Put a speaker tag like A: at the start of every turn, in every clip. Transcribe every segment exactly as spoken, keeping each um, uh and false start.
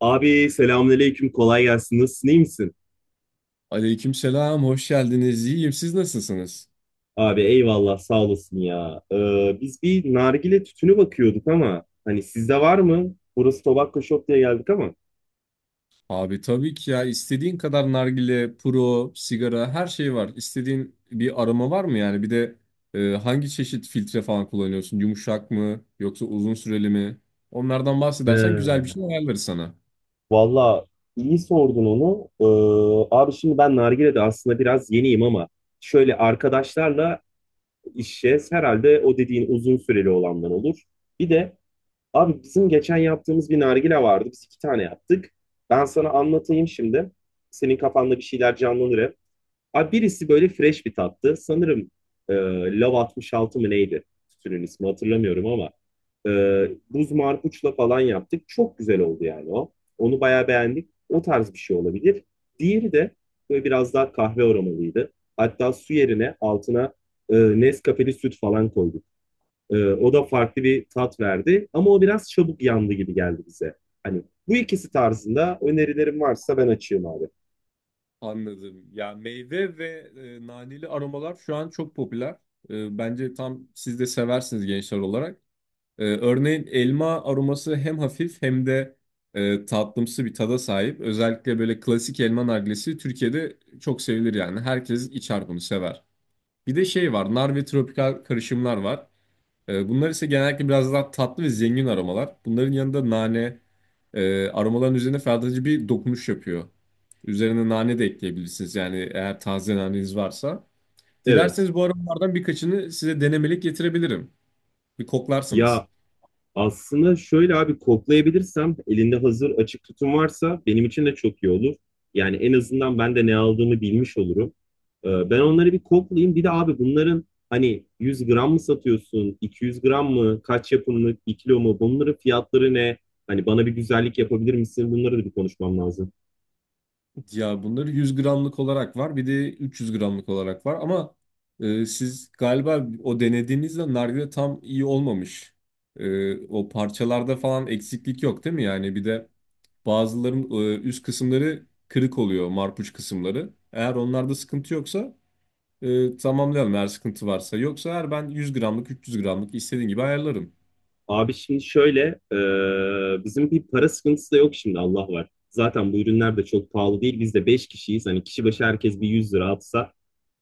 A: Abi selamünaleyküm, kolay gelsin. Nasılsın, iyi misin?
B: Aleykümselam, hoş geldiniz. İyiyim, siz nasılsınız?
A: Abi eyvallah, sağ olasın ya. Ee, biz bir nargile tütünü bakıyorduk ama hani sizde var mı? Burası Tobacco Shop diye geldik ama.
B: Abi tabii ki ya istediğin kadar nargile, puro, sigara her şey var. İstediğin bir aroma var mı yani? Bir de e, hangi çeşit filtre falan kullanıyorsun? Yumuşak mı yoksa uzun süreli mi? Onlardan bahsedersen
A: He,
B: güzel bir şey ayarlarız sana.
A: valla iyi sordun onu. Ee, abi şimdi ben nargilede aslında biraz yeniyim ama şöyle arkadaşlarla içeceğiz. Herhalde o dediğin uzun süreli olanlar olur. Bir de abi bizim geçen yaptığımız bir nargile vardı. Biz iki tane yaptık. Ben sana anlatayım şimdi. Senin kafanda bir şeyler canlanır hep. Abi birisi böyle fresh bir tattı. Sanırım e, Love altmış altı mı neydi? Tütünün ismi hatırlamıyorum ama. E, Buz marpuçla falan yaptık. Çok güzel oldu yani o. Onu bayağı beğendik. O tarz bir şey olabilir. Diğeri de böyle biraz daha kahve aromalıydı. Hatta su yerine altına e, Nescafe'li süt falan koyduk. Ee, o da farklı bir tat verdi. Ama o biraz çabuk yandı gibi geldi bize. Hani bu ikisi tarzında önerilerim varsa ben açayım abi.
B: Anladım. Ya meyve ve e, naneli aromalar şu an çok popüler. E, bence tam siz de seversiniz gençler olarak. Ee, örneğin elma aroması hem hafif hem de e, tatlımsı bir tada sahip. Özellikle böyle klasik elma nargilesi Türkiye'de çok sevilir yani. Herkes içer bunu sever. Bir de şey var, nar ve tropikal karışımlar var. Ee, bunlar ise genellikle biraz daha tatlı ve zengin aromalar. Bunların yanında nane, e, aromaların üzerine ferahlatıcı bir dokunuş yapıyor. Üzerine nane de ekleyebilirsiniz yani eğer taze naneniz varsa.
A: Evet.
B: Dilerseniz bu aromalardan birkaçını size denemelik getirebilirim. Bir koklarsınız.
A: Ya aslında şöyle abi, koklayabilirsem elinde hazır açık tutum varsa benim için de çok iyi olur. Yani en azından ben de ne aldığımı bilmiş olurum. Ee, ben onları bir koklayayım. Bir de abi bunların hani yüz gram mı satıyorsun, iki yüz gram mı, kaç yapımlık, bir kilo mu, bunların fiyatları ne? Hani bana bir güzellik yapabilir misin? Bunları da bir konuşmam lazım.
B: Ya bunları yüz gramlık olarak var, bir de üç yüz gramlık olarak var ama e, siz galiba o denediğinizde nargile tam iyi olmamış. E, o parçalarda falan eksiklik yok değil mi? Yani bir de bazıların e, üst kısımları kırık oluyor, marpuç kısımları. Eğer onlarda sıkıntı yoksa e, tamamlayalım, eğer sıkıntı varsa. Yoksa eğer ben yüz gramlık, üç yüz gramlık istediğin gibi ayarlarım.
A: Abi şimdi şöyle, e, bizim bir para sıkıntısı da yok şimdi, Allah var. Zaten bu ürünler de çok pahalı değil. Biz de beş kişiyiz. Hani kişi başı herkes bir yüz lira atsa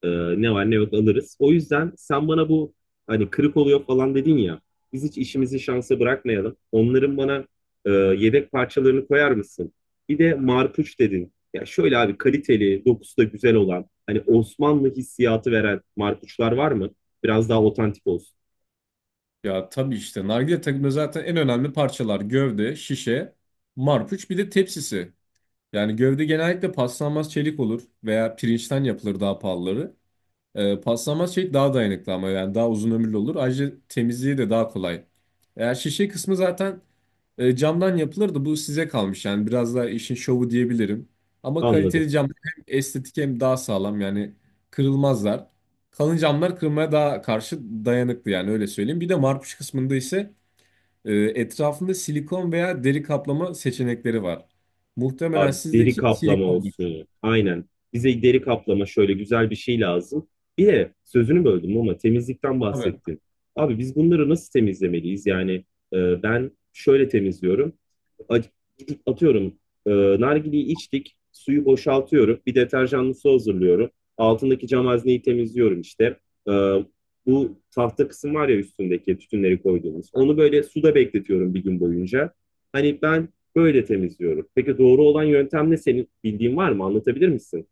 A: e, ne var ne yok alırız. O yüzden sen bana bu, hani kırık oluyor falan dedin ya, biz hiç işimizi şansa bırakmayalım. Onların bana e, yedek parçalarını koyar mısın? Bir de marpuç dedin. Ya şöyle abi, kaliteli, dokusu da güzel olan, hani Osmanlı hissiyatı veren marpuçlar var mı? Biraz daha otantik olsun.
B: Ya tabii işte nargile takımda zaten en önemli parçalar gövde, şişe, marpuç bir de tepsisi. Yani gövde genellikle paslanmaz çelik olur veya pirinçten yapılır daha pahalıları. Ee, paslanmaz çelik daha dayanıklı ama yani daha uzun ömürlü olur. Ayrıca temizliği de daha kolay. Eğer şişe kısmı zaten e, camdan yapılır da bu size kalmış. Yani biraz daha işin şovu diyebilirim. Ama
A: Anladım.
B: kaliteli cam hem estetik hem daha sağlam yani kırılmazlar. Kalın camlar kırılmaya daha karşı dayanıklı yani öyle söyleyeyim. Bir de marpuç kısmında ise e, etrafında silikon veya deri kaplama seçenekleri var. Muhtemelen
A: Abi deri
B: sizdeki
A: kaplama
B: silikondur.
A: olsun. Aynen. Bize deri kaplama şöyle güzel bir şey lazım. Bir de sözünü böldüm ama temizlikten
B: Tabii.
A: bahsettin. Abi biz bunları nasıl temizlemeliyiz? Yani e, ben şöyle temizliyorum. A- Gidip atıyorum, e, nargileyi içtik, suyu boşaltıyorum. Bir deterjanlı su hazırlıyorum. Altındaki cam hazneyi temizliyorum işte. E, Bu tahta kısım var ya üstündeki tütünleri koyduğumuz, onu böyle suda bekletiyorum bir gün boyunca. Hani ben böyle temizliyorum. Peki doğru olan yöntem ne? Senin bildiğin var mı? Anlatabilir misin?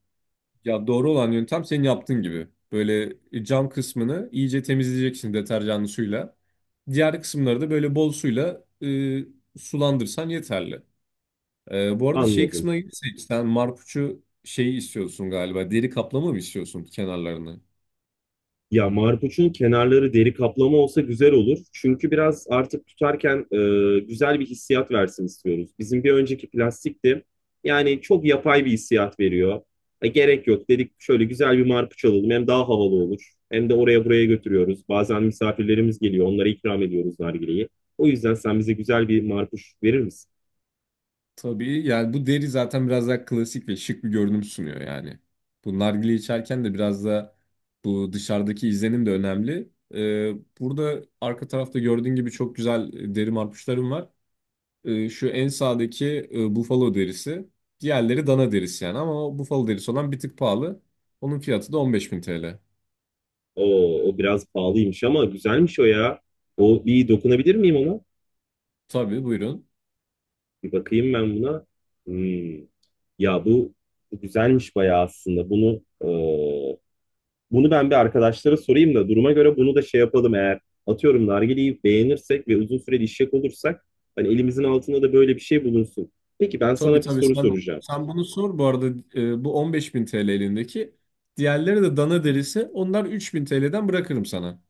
B: Ya doğru olan yöntem senin yaptığın gibi. Böyle cam kısmını iyice temizleyeceksin deterjanlı suyla. Diğer kısımları da böyle bol suyla e, sulandırsan yeterli. E, bu arada şey
A: Anladım.
B: kısmına gelirsek sen marpuçu şey istiyorsun galiba. Deri kaplama mı istiyorsun kenarlarını?
A: Ya marpuçun kenarları deri kaplama olsa güzel olur. Çünkü biraz artık tutarken e, güzel bir hissiyat versin istiyoruz. Bizim bir önceki plastikti. Yani çok yapay bir hissiyat veriyor. E, gerek yok dedik, şöyle güzel bir marpuç alalım. Hem daha havalı olur, hem de oraya buraya götürüyoruz. Bazen misafirlerimiz geliyor, onlara ikram ediyoruz nargileyi. O yüzden sen bize güzel bir marpuç verir misin?
B: Tabii, yani bu deri zaten biraz daha klasik ve şık bir görünüm sunuyor yani. Bu nargile içerken de biraz da bu dışarıdaki izlenim de önemli. Ee, burada arka tarafta gördüğün gibi çok güzel e, deri marpuçlarım var. Ee, şu en sağdaki e, bufalo derisi. Diğerleri dana derisi yani, ama o bufalo derisi olan bir tık pahalı. Onun fiyatı da on beş bin T L.
A: O, o biraz pahalıymış ama güzelmiş o ya. O, bir dokunabilir miyim ona?
B: Tabii, buyurun.
A: Bir bakayım ben buna. Hmm. Ya bu, Bu güzelmiş bayağı aslında. Bunu e, bunu ben bir arkadaşlara sorayım da duruma göre bunu da şey yapalım, eğer atıyorum nargileyi beğenirsek ve uzun süreli işek olursak, hani elimizin altında da böyle bir şey bulunsun. Peki ben
B: Tabii
A: sana bir
B: tabii,
A: soru
B: sen
A: soracağım.
B: sen bunu sor bu arada. E, bu on beş bin T L elindeki. Diğerleri de dana derisi. Onlar üç bin T L'den bırakırım sana.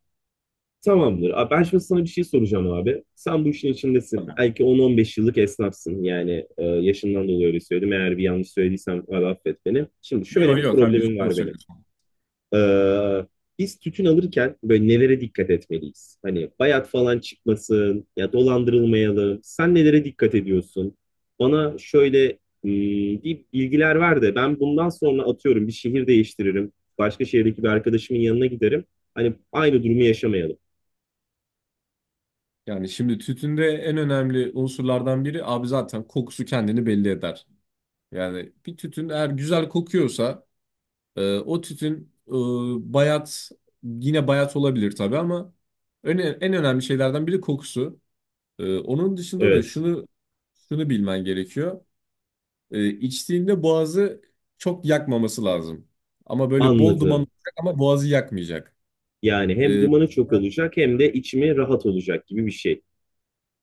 A: Tamamdır. Abi ben şimdi sana bir şey soracağım abi. Sen bu işin içindesin.
B: Tabii.
A: Belki on on beş yıllık esnafsın. Yani e, yaşından dolayı öyle söyledim. Eğer bir yanlış söylediysem abi affet beni. Şimdi şöyle
B: Yo
A: bir
B: yo kardeşim,
A: problemim
B: doğru
A: var benim.
B: söylüyorsun.
A: Ee, Biz tütün alırken böyle nelere dikkat etmeliyiz? Hani bayat falan çıkmasın ya, dolandırılmayalım. Sen nelere dikkat ediyorsun? Bana şöyle hmm, bir bilgiler ver de ben bundan sonra atıyorum bir şehir değiştiririm. Başka şehirdeki bir arkadaşımın yanına giderim. Hani aynı durumu yaşamayalım.
B: Yani şimdi tütünde en önemli unsurlardan biri abi zaten kokusu kendini belli eder. Yani bir tütün eğer güzel kokuyorsa e, o tütün e, bayat yine bayat olabilir tabii, ama en, en önemli şeylerden biri kokusu. E, onun dışında da
A: Evet.
B: şunu şunu bilmen gerekiyor. Ee, içtiğinde boğazı çok yakmaması lazım. Ama böyle bol duman
A: Anladım.
B: olacak ama boğazı yakmayacak.
A: Yani hem
B: Ee,
A: dumanı çok olacak hem de içimi rahat olacak gibi bir şey.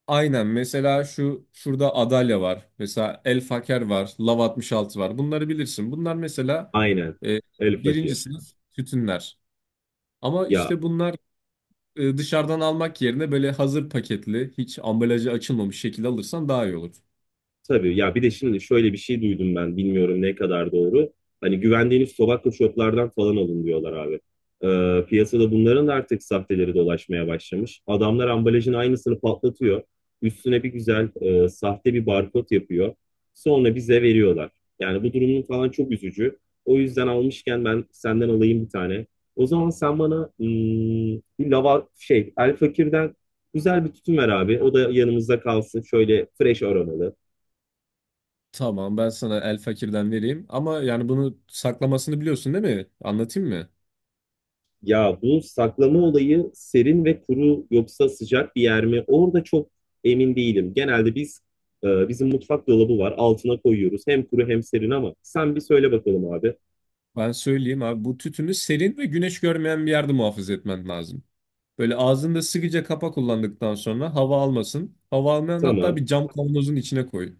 B: aynen, mesela şu şurada Adalya var. Mesela El Faker var. Lav altmış altı var. Bunları bilirsin. Bunlar mesela
A: Aynen.
B: e,
A: El
B: birinci
A: fakir.
B: sınıf tütünler. Ama
A: Ya
B: işte bunlar e, dışarıdan almak yerine böyle hazır paketli, hiç ambalajı açılmamış şekilde alırsan daha iyi olur.
A: tabii ya, bir de şimdi şöyle bir şey duydum, ben bilmiyorum ne kadar doğru. Hani güvendiğiniz tobacco shoplardan falan alın diyorlar abi. Ee, piyasada bunların da artık sahteleri dolaşmaya başlamış. Adamlar ambalajın aynısını patlatıyor. Üstüne bir güzel e, sahte bir barkod yapıyor. Sonra bize veriyorlar. Yani bu durumun falan çok üzücü. O yüzden almışken ben senden alayım bir tane. O zaman sen bana hmm, bir lava şey, El Fakir'den güzel bir tütün ver abi. O da yanımızda kalsın. Şöyle fresh aromalı.
B: Tamam, ben sana El Fakir'den vereyim ama yani bunu saklamasını biliyorsun değil mi? Anlatayım mı?
A: Ya bu saklama olayı serin ve kuru, yoksa sıcak bir yer mi? Orada çok emin değilim. Genelde biz e, bizim mutfak dolabı var, altına koyuyoruz. Hem kuru hem serin ama sen bir söyle bakalım abi.
B: Ben söyleyeyim abi, bu tütünü serin ve güneş görmeyen bir yerde muhafaza etmen lazım. Böyle ağzında sıkıca kapa, kullandıktan sonra hava almasın. Hava almayan hatta
A: Tamam.
B: bir cam kavanozun içine koy.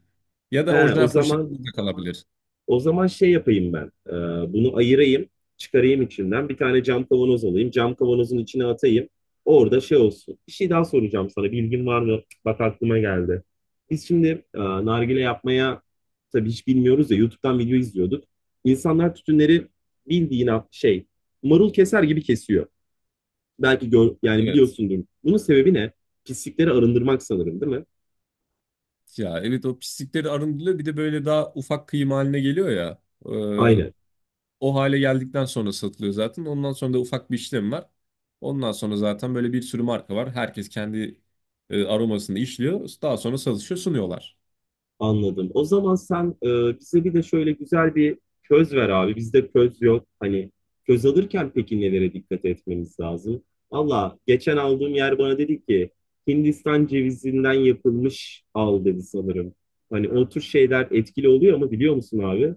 B: Ya da
A: He, o
B: orijinal
A: zaman,
B: poşetinde de kalabilir.
A: O zaman şey yapayım ben. E, bunu ayırayım, çıkarayım içinden. Bir tane cam kavanoz alayım. Cam kavanozun içine atayım. Orada şey olsun. Bir şey daha soracağım sana. Bilgin var mı? Bak aklıma geldi. Biz şimdi e, nargile yapmaya, tabii hiç bilmiyoruz ya, YouTube'dan video izliyorduk. İnsanlar tütünleri bildiğin a- şey, marul keser gibi kesiyor. Belki gör, yani
B: Evet.
A: biliyorsundur. Bunun sebebi ne? Pislikleri arındırmak sanırım, değil mi?
B: Ya evet, o pislikleri arındırılıyor. Bir de böyle daha ufak kıyım haline geliyor ya. Ee,
A: Aynen.
B: o hale geldikten sonra satılıyor zaten. Ondan sonra da ufak bir işlem var. Ondan sonra zaten böyle bir sürü marka var. Herkes kendi e, aromasını işliyor. Daha sonra satışa sunuyorlar.
A: Anladım. O zaman sen e, bize bir de şöyle güzel bir köz ver abi. Bizde köz yok. Hani köz alırken peki nelere dikkat etmemiz lazım? Valla geçen aldığım yer bana dedi ki Hindistan cevizinden yapılmış al dedi sanırım. Hani o tür şeyler etkili oluyor ama, biliyor musun abi?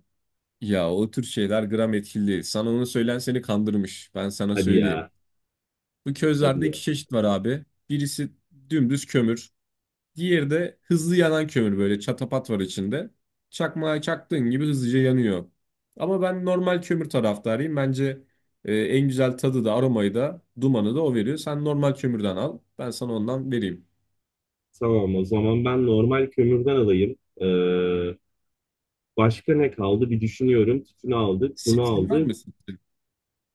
B: Ya o tür şeyler gram etkili değil. Sana onu söyleyen seni kandırmış. Ben sana
A: Hadi
B: söyleyeyim.
A: ya,
B: Bu
A: hadi
B: közlerde
A: ya.
B: iki çeşit var abi. Birisi dümdüz kömür. Diğeri de hızlı yanan kömür, böyle çatapat var içinde. Çakmağa çaktığın gibi hızlıca yanıyor. Ama ben normal kömür taraftarıyım. Bence e, en güzel tadı da aromayı da dumanı da o veriyor. Sen normal kömürden al. Ben sana ondan vereyim.
A: Tamam, o zaman ben normal kömürden alayım. Ee, Başka ne kaldı bir düşünüyorum. Tütünü aldık, bunu
B: Sitrin var
A: aldık.
B: mı sitrin?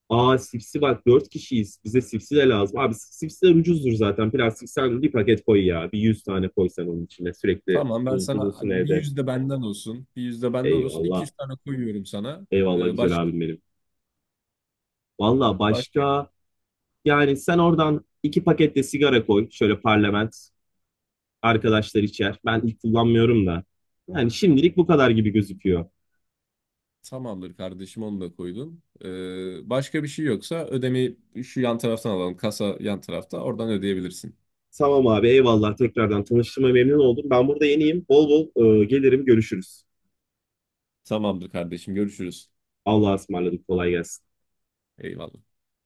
A: Aa, sipsi, bak dört kişiyiz, bize sipsi de lazım. Abi sipsiler ucuzdur zaten. Plastik, sen bir paket koy ya. Bir yüz tane koy sen onun içine. Sürekli
B: Tamam, ben
A: bul-
B: sana
A: bulunsun
B: bir
A: evde.
B: yüzde benden olsun. Bir yüzde benden olsun. İki
A: Eyvallah.
B: yüz tane koyuyorum sana.
A: Eyvallah
B: Ee,
A: güzel
B: baş,
A: abim benim. Valla
B: başka
A: başka, yani sen oradan iki paket de sigara koy. Şöyle parlament. Arkadaşlar içer. Ben ilk kullanmıyorum da. Yani şimdilik bu kadar gibi gözüküyor.
B: Tamamdır kardeşim, onu da koydum. Ee, başka bir şey yoksa ödemeyi şu yan taraftan alalım. Kasa yan tarafta. Oradan ödeyebilirsin.
A: Tamam abi eyvallah. Tekrardan tanıştığıma memnun oldum. Ben burada yeniyim. Bol bol e, gelirim, görüşürüz.
B: Tamamdır kardeşim, görüşürüz.
A: Allah'a ısmarladık. Kolay gelsin.
B: Eyvallah.